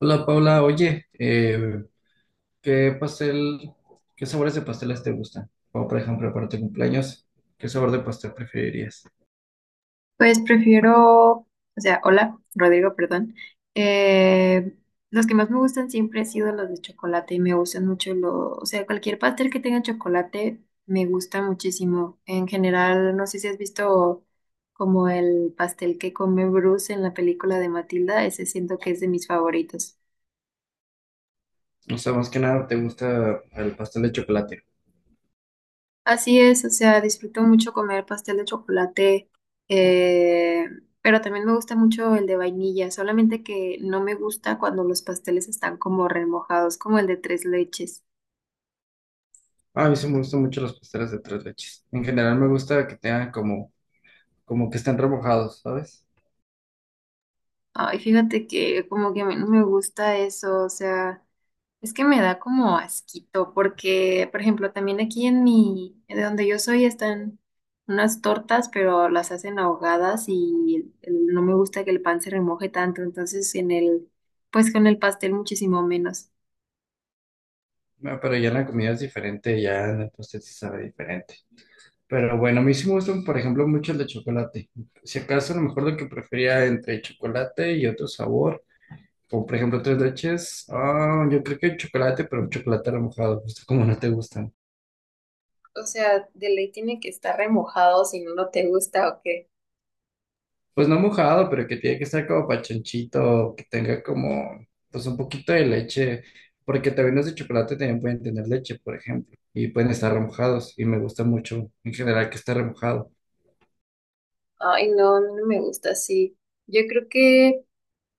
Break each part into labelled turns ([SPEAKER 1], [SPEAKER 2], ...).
[SPEAKER 1] Hola Paula, oye, ¿qué pastel, qué sabores de pasteles te gustan? O por ejemplo, para tu cumpleaños, ¿qué sabor de pastel preferirías?
[SPEAKER 2] Pues prefiero, o sea, hola, Rodrigo, perdón. Eh, los que más me gustan siempre han sido los de chocolate y me gustan mucho o sea, cualquier pastel que tenga chocolate me gusta muchísimo. En general, no sé si has visto como el pastel que come Bruce en la película de Matilda, ese siento que es de mis favoritos.
[SPEAKER 1] O sea, más que nada, ¿te gusta el pastel de chocolate?
[SPEAKER 2] Así es, o sea, disfruto mucho comer pastel de chocolate, eh, pero también me gusta mucho el de vainilla, solamente que no me gusta cuando los pasteles están como remojados, como el de tres leches.
[SPEAKER 1] Ah, a mí sí me gustan mucho los pasteles de tres leches. En general me gusta que tengan como, como que estén remojados, ¿sabes?
[SPEAKER 2] Ay, fíjate que como que a mí no me gusta eso, o sea, es que me da como asquito, porque, por ejemplo, también aquí en mi, de donde yo soy, están unas tortas, pero las hacen ahogadas y no me gusta que el pan se remoje tanto, entonces en el, pues con el pastel muchísimo menos.
[SPEAKER 1] Ah, pero ya en la comida es diferente, ya en el pastel se sabe diferente. Pero bueno, a mí sí me gustan, por ejemplo, mucho el de chocolate. Si acaso, a lo mejor lo que prefería entre chocolate y otro sabor. O, por ejemplo, tres leches. Ah, yo creo que chocolate, pero chocolate no mojado, justo como no te gustan.
[SPEAKER 2] O sea, de ley tiene que estar remojado si no, no te gusta o qué.
[SPEAKER 1] Pues no mojado, pero que tiene que estar como pachonchito, que tenga como, pues un poquito de leche. Porque también los de chocolate también pueden tener leche, por ejemplo. Y pueden estar remojados. Y me gusta mucho, en general, que esté remojado.
[SPEAKER 2] Ay, no, a mí no me gusta así. Yo creo que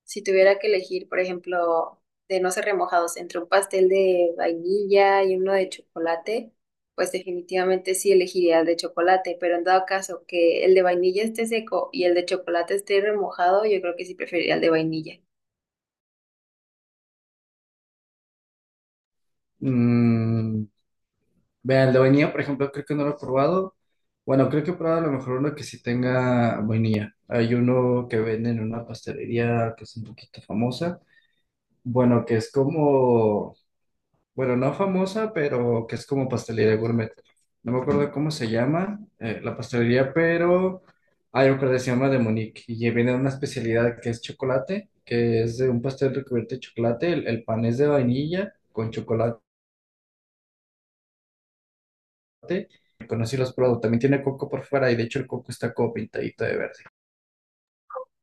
[SPEAKER 2] si tuviera que elegir, por ejemplo, de no ser remojados entre un pastel de vainilla y uno de chocolate, pues definitivamente sí elegiría el de chocolate, pero en dado caso que el de vainilla esté seco y el de chocolate esté remojado, yo creo que sí preferiría el de vainilla.
[SPEAKER 1] Mm, vean, la vainilla, por ejemplo, creo que no lo he probado. Bueno, creo que he probado a lo mejor uno que sí tenga vainilla. Hay uno que venden en una pastelería que es un poquito famosa. Bueno, que es como, bueno, no famosa, pero que es como pastelería gourmet. No me acuerdo cómo se llama la pastelería, pero hay un que se llama de Monique y viene una especialidad que es chocolate, que es de un pastel recubierto de chocolate. El pan es de vainilla con chocolate. Conocí los productos. También tiene coco por fuera y de hecho el coco está como pintadito de verde.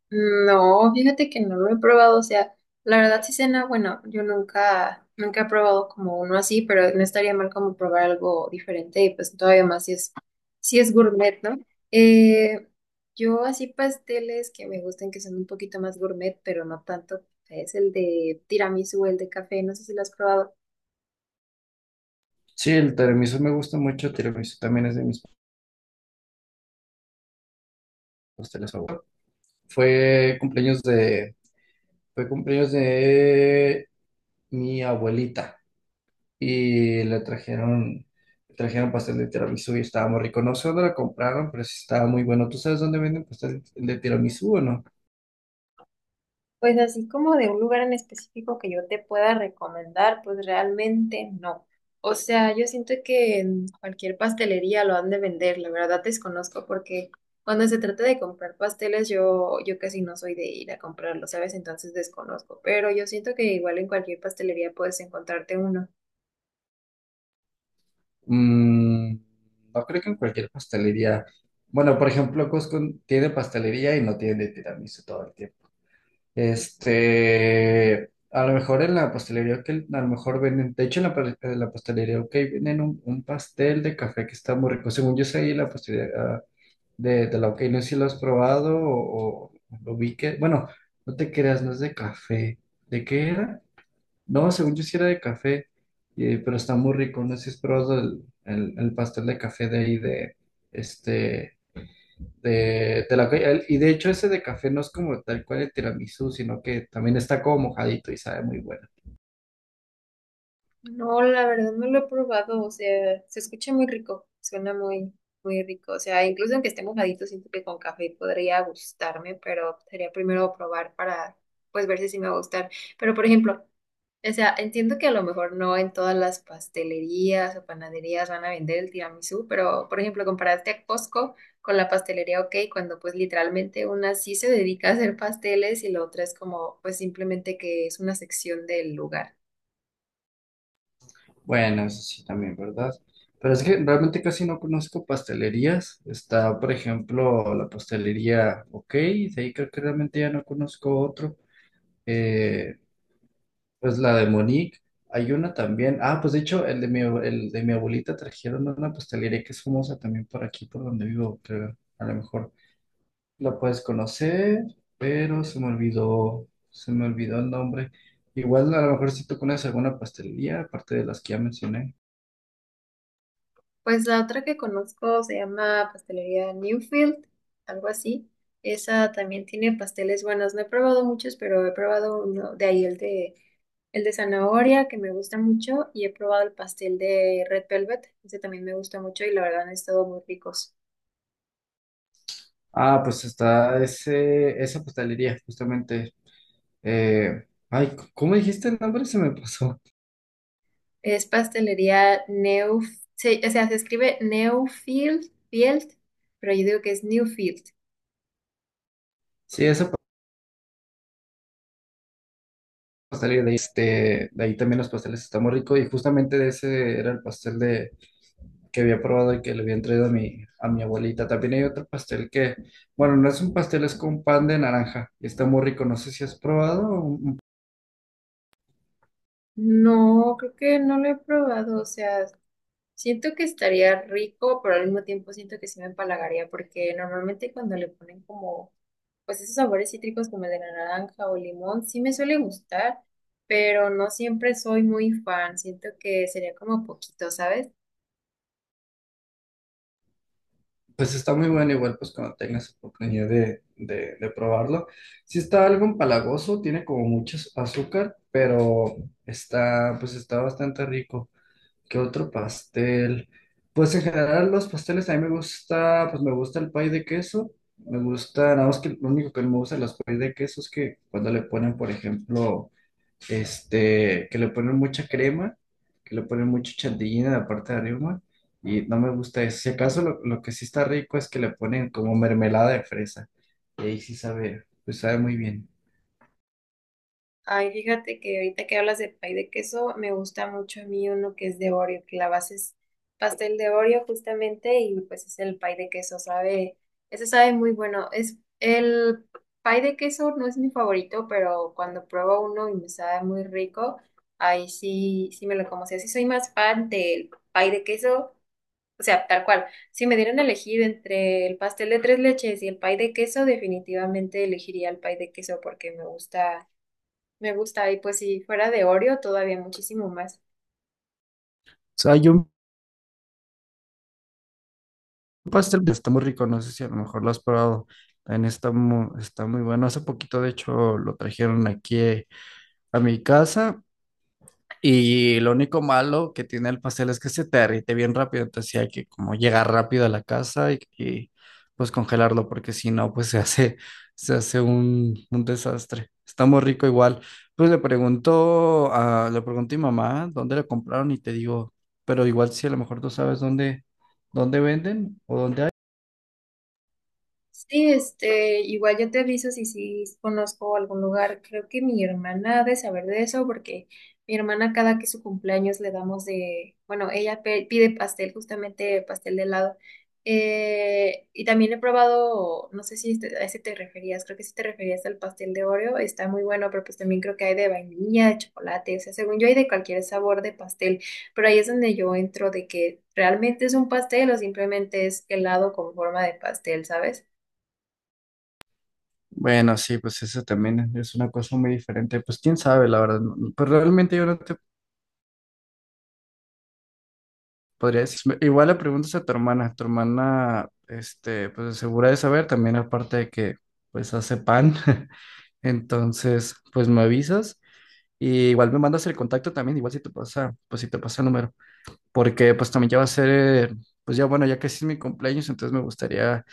[SPEAKER 2] No, fíjate que no lo he probado, o sea, la verdad sí cena, bueno, yo nunca he probado como uno así, pero no estaría mal como probar algo diferente y pues todavía más si es gourmet, ¿no? Eh, yo así pasteles que me gustan que son un poquito más gourmet, pero no tanto, es el de tiramisú, el de café, no sé si lo has probado.
[SPEAKER 1] Sí, el tiramisú me gusta mucho. El tiramisú también es de mis pasteles favoritos. Fue cumpleaños de, fue cumpleaños de mi abuelita y le trajeron pastel de tiramisú y estaba muy rico. No sé dónde la compraron, pero sí estaba muy bueno. ¿Tú sabes dónde venden pastel de tiramisú o no?
[SPEAKER 2] Pues así como de un lugar en específico que yo te pueda recomendar, pues realmente no. O sea, yo siento que en cualquier pastelería lo han de vender, la verdad desconozco porque cuando se trata de comprar pasteles yo casi no soy de ir a comprarlo, ¿sabes? Entonces desconozco, pero yo siento que igual en cualquier pastelería puedes encontrarte uno.
[SPEAKER 1] Mm, no creo que en cualquier pastelería. Bueno, por ejemplo, Costco tiene pastelería y no tiene de tiramisú todo el tiempo. Este, a lo mejor en la pastelería que a lo mejor venden, de hecho en la, en la pastelería OK, venden un pastel de café que está muy rico. Según yo sé, ahí en la pastelería de la OK, no sé si lo has probado o lo vi que, bueno, no te creas, no es de café. ¿De qué era? No, según yo sí era de café, pero está muy rico. No sé si has probado el pastel de café de ahí, de este, de la OK. El- Y de hecho, ese de café no es como tal cual el tiramisú, sino que también está como mojadito y sabe muy bueno.
[SPEAKER 2] No, la verdad no lo he probado, o sea, se escucha muy rico, suena muy rico, o sea, incluso aunque esté mojadito, siento que con café podría gustarme, pero sería primero probar para, pues, ver si sí me va a gustar. Pero, por ejemplo, o sea, entiendo que a lo mejor no en todas las pastelerías o panaderías van a vender el tiramisú, pero, por ejemplo, comparaste a Costco con la pastelería OK, cuando pues literalmente una sí se dedica a hacer pasteles y la otra es como, pues, simplemente que es una sección del lugar.
[SPEAKER 1] Bueno, eso sí también, ¿verdad? Pero es que realmente casi no conozco pastelerías. Está, por ejemplo, la pastelería OK, de ahí creo que realmente ya no conozco otro. Eh, pues la de Monique, hay una también. Ah, pues de hecho, el de mi, el de mi abuelita trajeron una pastelería que es famosa también por aquí, por donde vivo, creo. A lo mejor la puedes conocer, pero se me olvidó el nombre. Igual a lo mejor si tú conoces alguna pastelería, aparte de las que ya mencioné.
[SPEAKER 2] Pues la otra que conozco se llama Pastelería Newfield, algo así. Esa también tiene pasteles buenos. No he probado muchos, pero he probado uno de ahí, el de zanahoria, que me gusta mucho, y he probado el pastel de Red Velvet. Ese también me gusta mucho y la verdad han estado muy ricos.
[SPEAKER 1] Ah, pues está ese, esa pastelería, justamente. ¿Cómo dijiste el nombre? Se me pasó.
[SPEAKER 2] Es pastelería Neuf, o sea, se escribe Newfield, Field, pero yo digo que es Newfield.
[SPEAKER 1] Sí, esa pastelería de ahí, este, de ahí también los pasteles están muy ricos. Y justamente de ese era el pastel de, que había probado y que le había traído a mi abuelita. También hay otro pastel que, bueno, no es un pastel, es con pan de naranja. Y está muy rico. No sé si has probado un...
[SPEAKER 2] No, creo que no lo he probado, o sea, siento que estaría rico, pero al mismo tiempo siento que sí me empalagaría, porque normalmente cuando le ponen como, pues esos sabores cítricos como el de la naranja o limón, sí me suele gustar, pero no siempre soy muy fan. Siento que sería como poquito, ¿sabes?
[SPEAKER 1] Pues está muy bueno, igual pues cuando tengas oportunidad de probarlo. Sí está algo empalagoso, tiene como mucho azúcar, pero está, pues está bastante rico. ¿Qué otro pastel? Pues en general los pasteles a mí me gusta, pues me gusta el pay de queso, me gusta, nada más que lo único que no me gusta de los pay de queso es que cuando le ponen, por ejemplo, este, que le ponen mucha crema, que le ponen mucho chantilly en la parte de arriba, y no me gusta eso. Si acaso lo que sí está rico es que le ponen como mermelada de fresa, y ahí sí sabe, pues sabe muy bien.
[SPEAKER 2] Ay, fíjate que ahorita que hablas de pay de queso, me gusta mucho a mí uno que es de Oreo, que la base es pastel de Oreo justamente y pues es el pay de queso, sabe, ese sabe muy bueno. Es el pay de queso no es mi favorito, pero cuando pruebo uno y me sabe muy rico, ahí sí, sí me lo como. O sea, sí soy más fan del pay de queso, o sea, tal cual. Si me dieran a elegir entre el pastel de tres leches y el pay de queso, definitivamente elegiría el pay de queso porque me gusta. Y pues si fuera de Oreo, todavía muchísimo más.
[SPEAKER 1] O sea, hay un pastel que está muy rico, no sé si a lo mejor lo has probado. También está muy bueno. Hace poquito, de hecho, lo trajeron aquí a mi casa. Y lo único malo que tiene el pastel es que se te derrite bien rápido, entonces sí hay que como llegar rápido a la casa pues congelarlo, porque si no, pues se hace un desastre. Está muy rico igual. Pues le pregunté a mi mamá dónde lo compraron y te digo, pero igual si a lo mejor tú sabes dónde, dónde venden o dónde hay.
[SPEAKER 2] Sí, este, igual yo te aviso si sí conozco algún lugar. Creo que mi hermana ha de saber de eso porque mi hermana cada que es su cumpleaños le damos de, bueno, ella pide pastel, justamente pastel de helado. Y también he probado, no sé si a ese te referías, creo que sí te referías al pastel de Oreo, está muy bueno, pero pues también creo que hay de vainilla, de chocolate, o sea, según yo hay de cualquier sabor de pastel, pero ahí es donde yo entro de que realmente es un pastel o simplemente es helado con forma de pastel, ¿sabes?
[SPEAKER 1] Bueno, sí, pues eso también es una cosa muy diferente. Pues quién sabe, la verdad. No. Pues realmente yo no te podría decirme, igual le preguntas a tu hermana, este, pues segura de saber, también aparte de que, pues hace pan, entonces, pues me avisas y igual me mandas el contacto también, igual si te pasa, pues si te pasa el número, porque pues también ya va a ser, pues ya bueno, ya casi es mi cumpleaños, entonces me gustaría,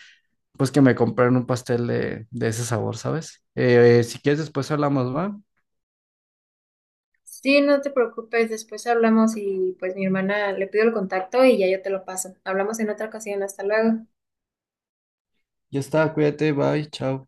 [SPEAKER 1] pues que me compraran un pastel de ese sabor, ¿sabes? Si quieres después hablamos, ¿va?
[SPEAKER 2] Sí, no te preocupes, después hablamos y pues mi hermana le pido el contacto y ya yo te lo paso. Hablamos en otra ocasión, hasta luego.
[SPEAKER 1] Ya está, cuídate, bye, chao.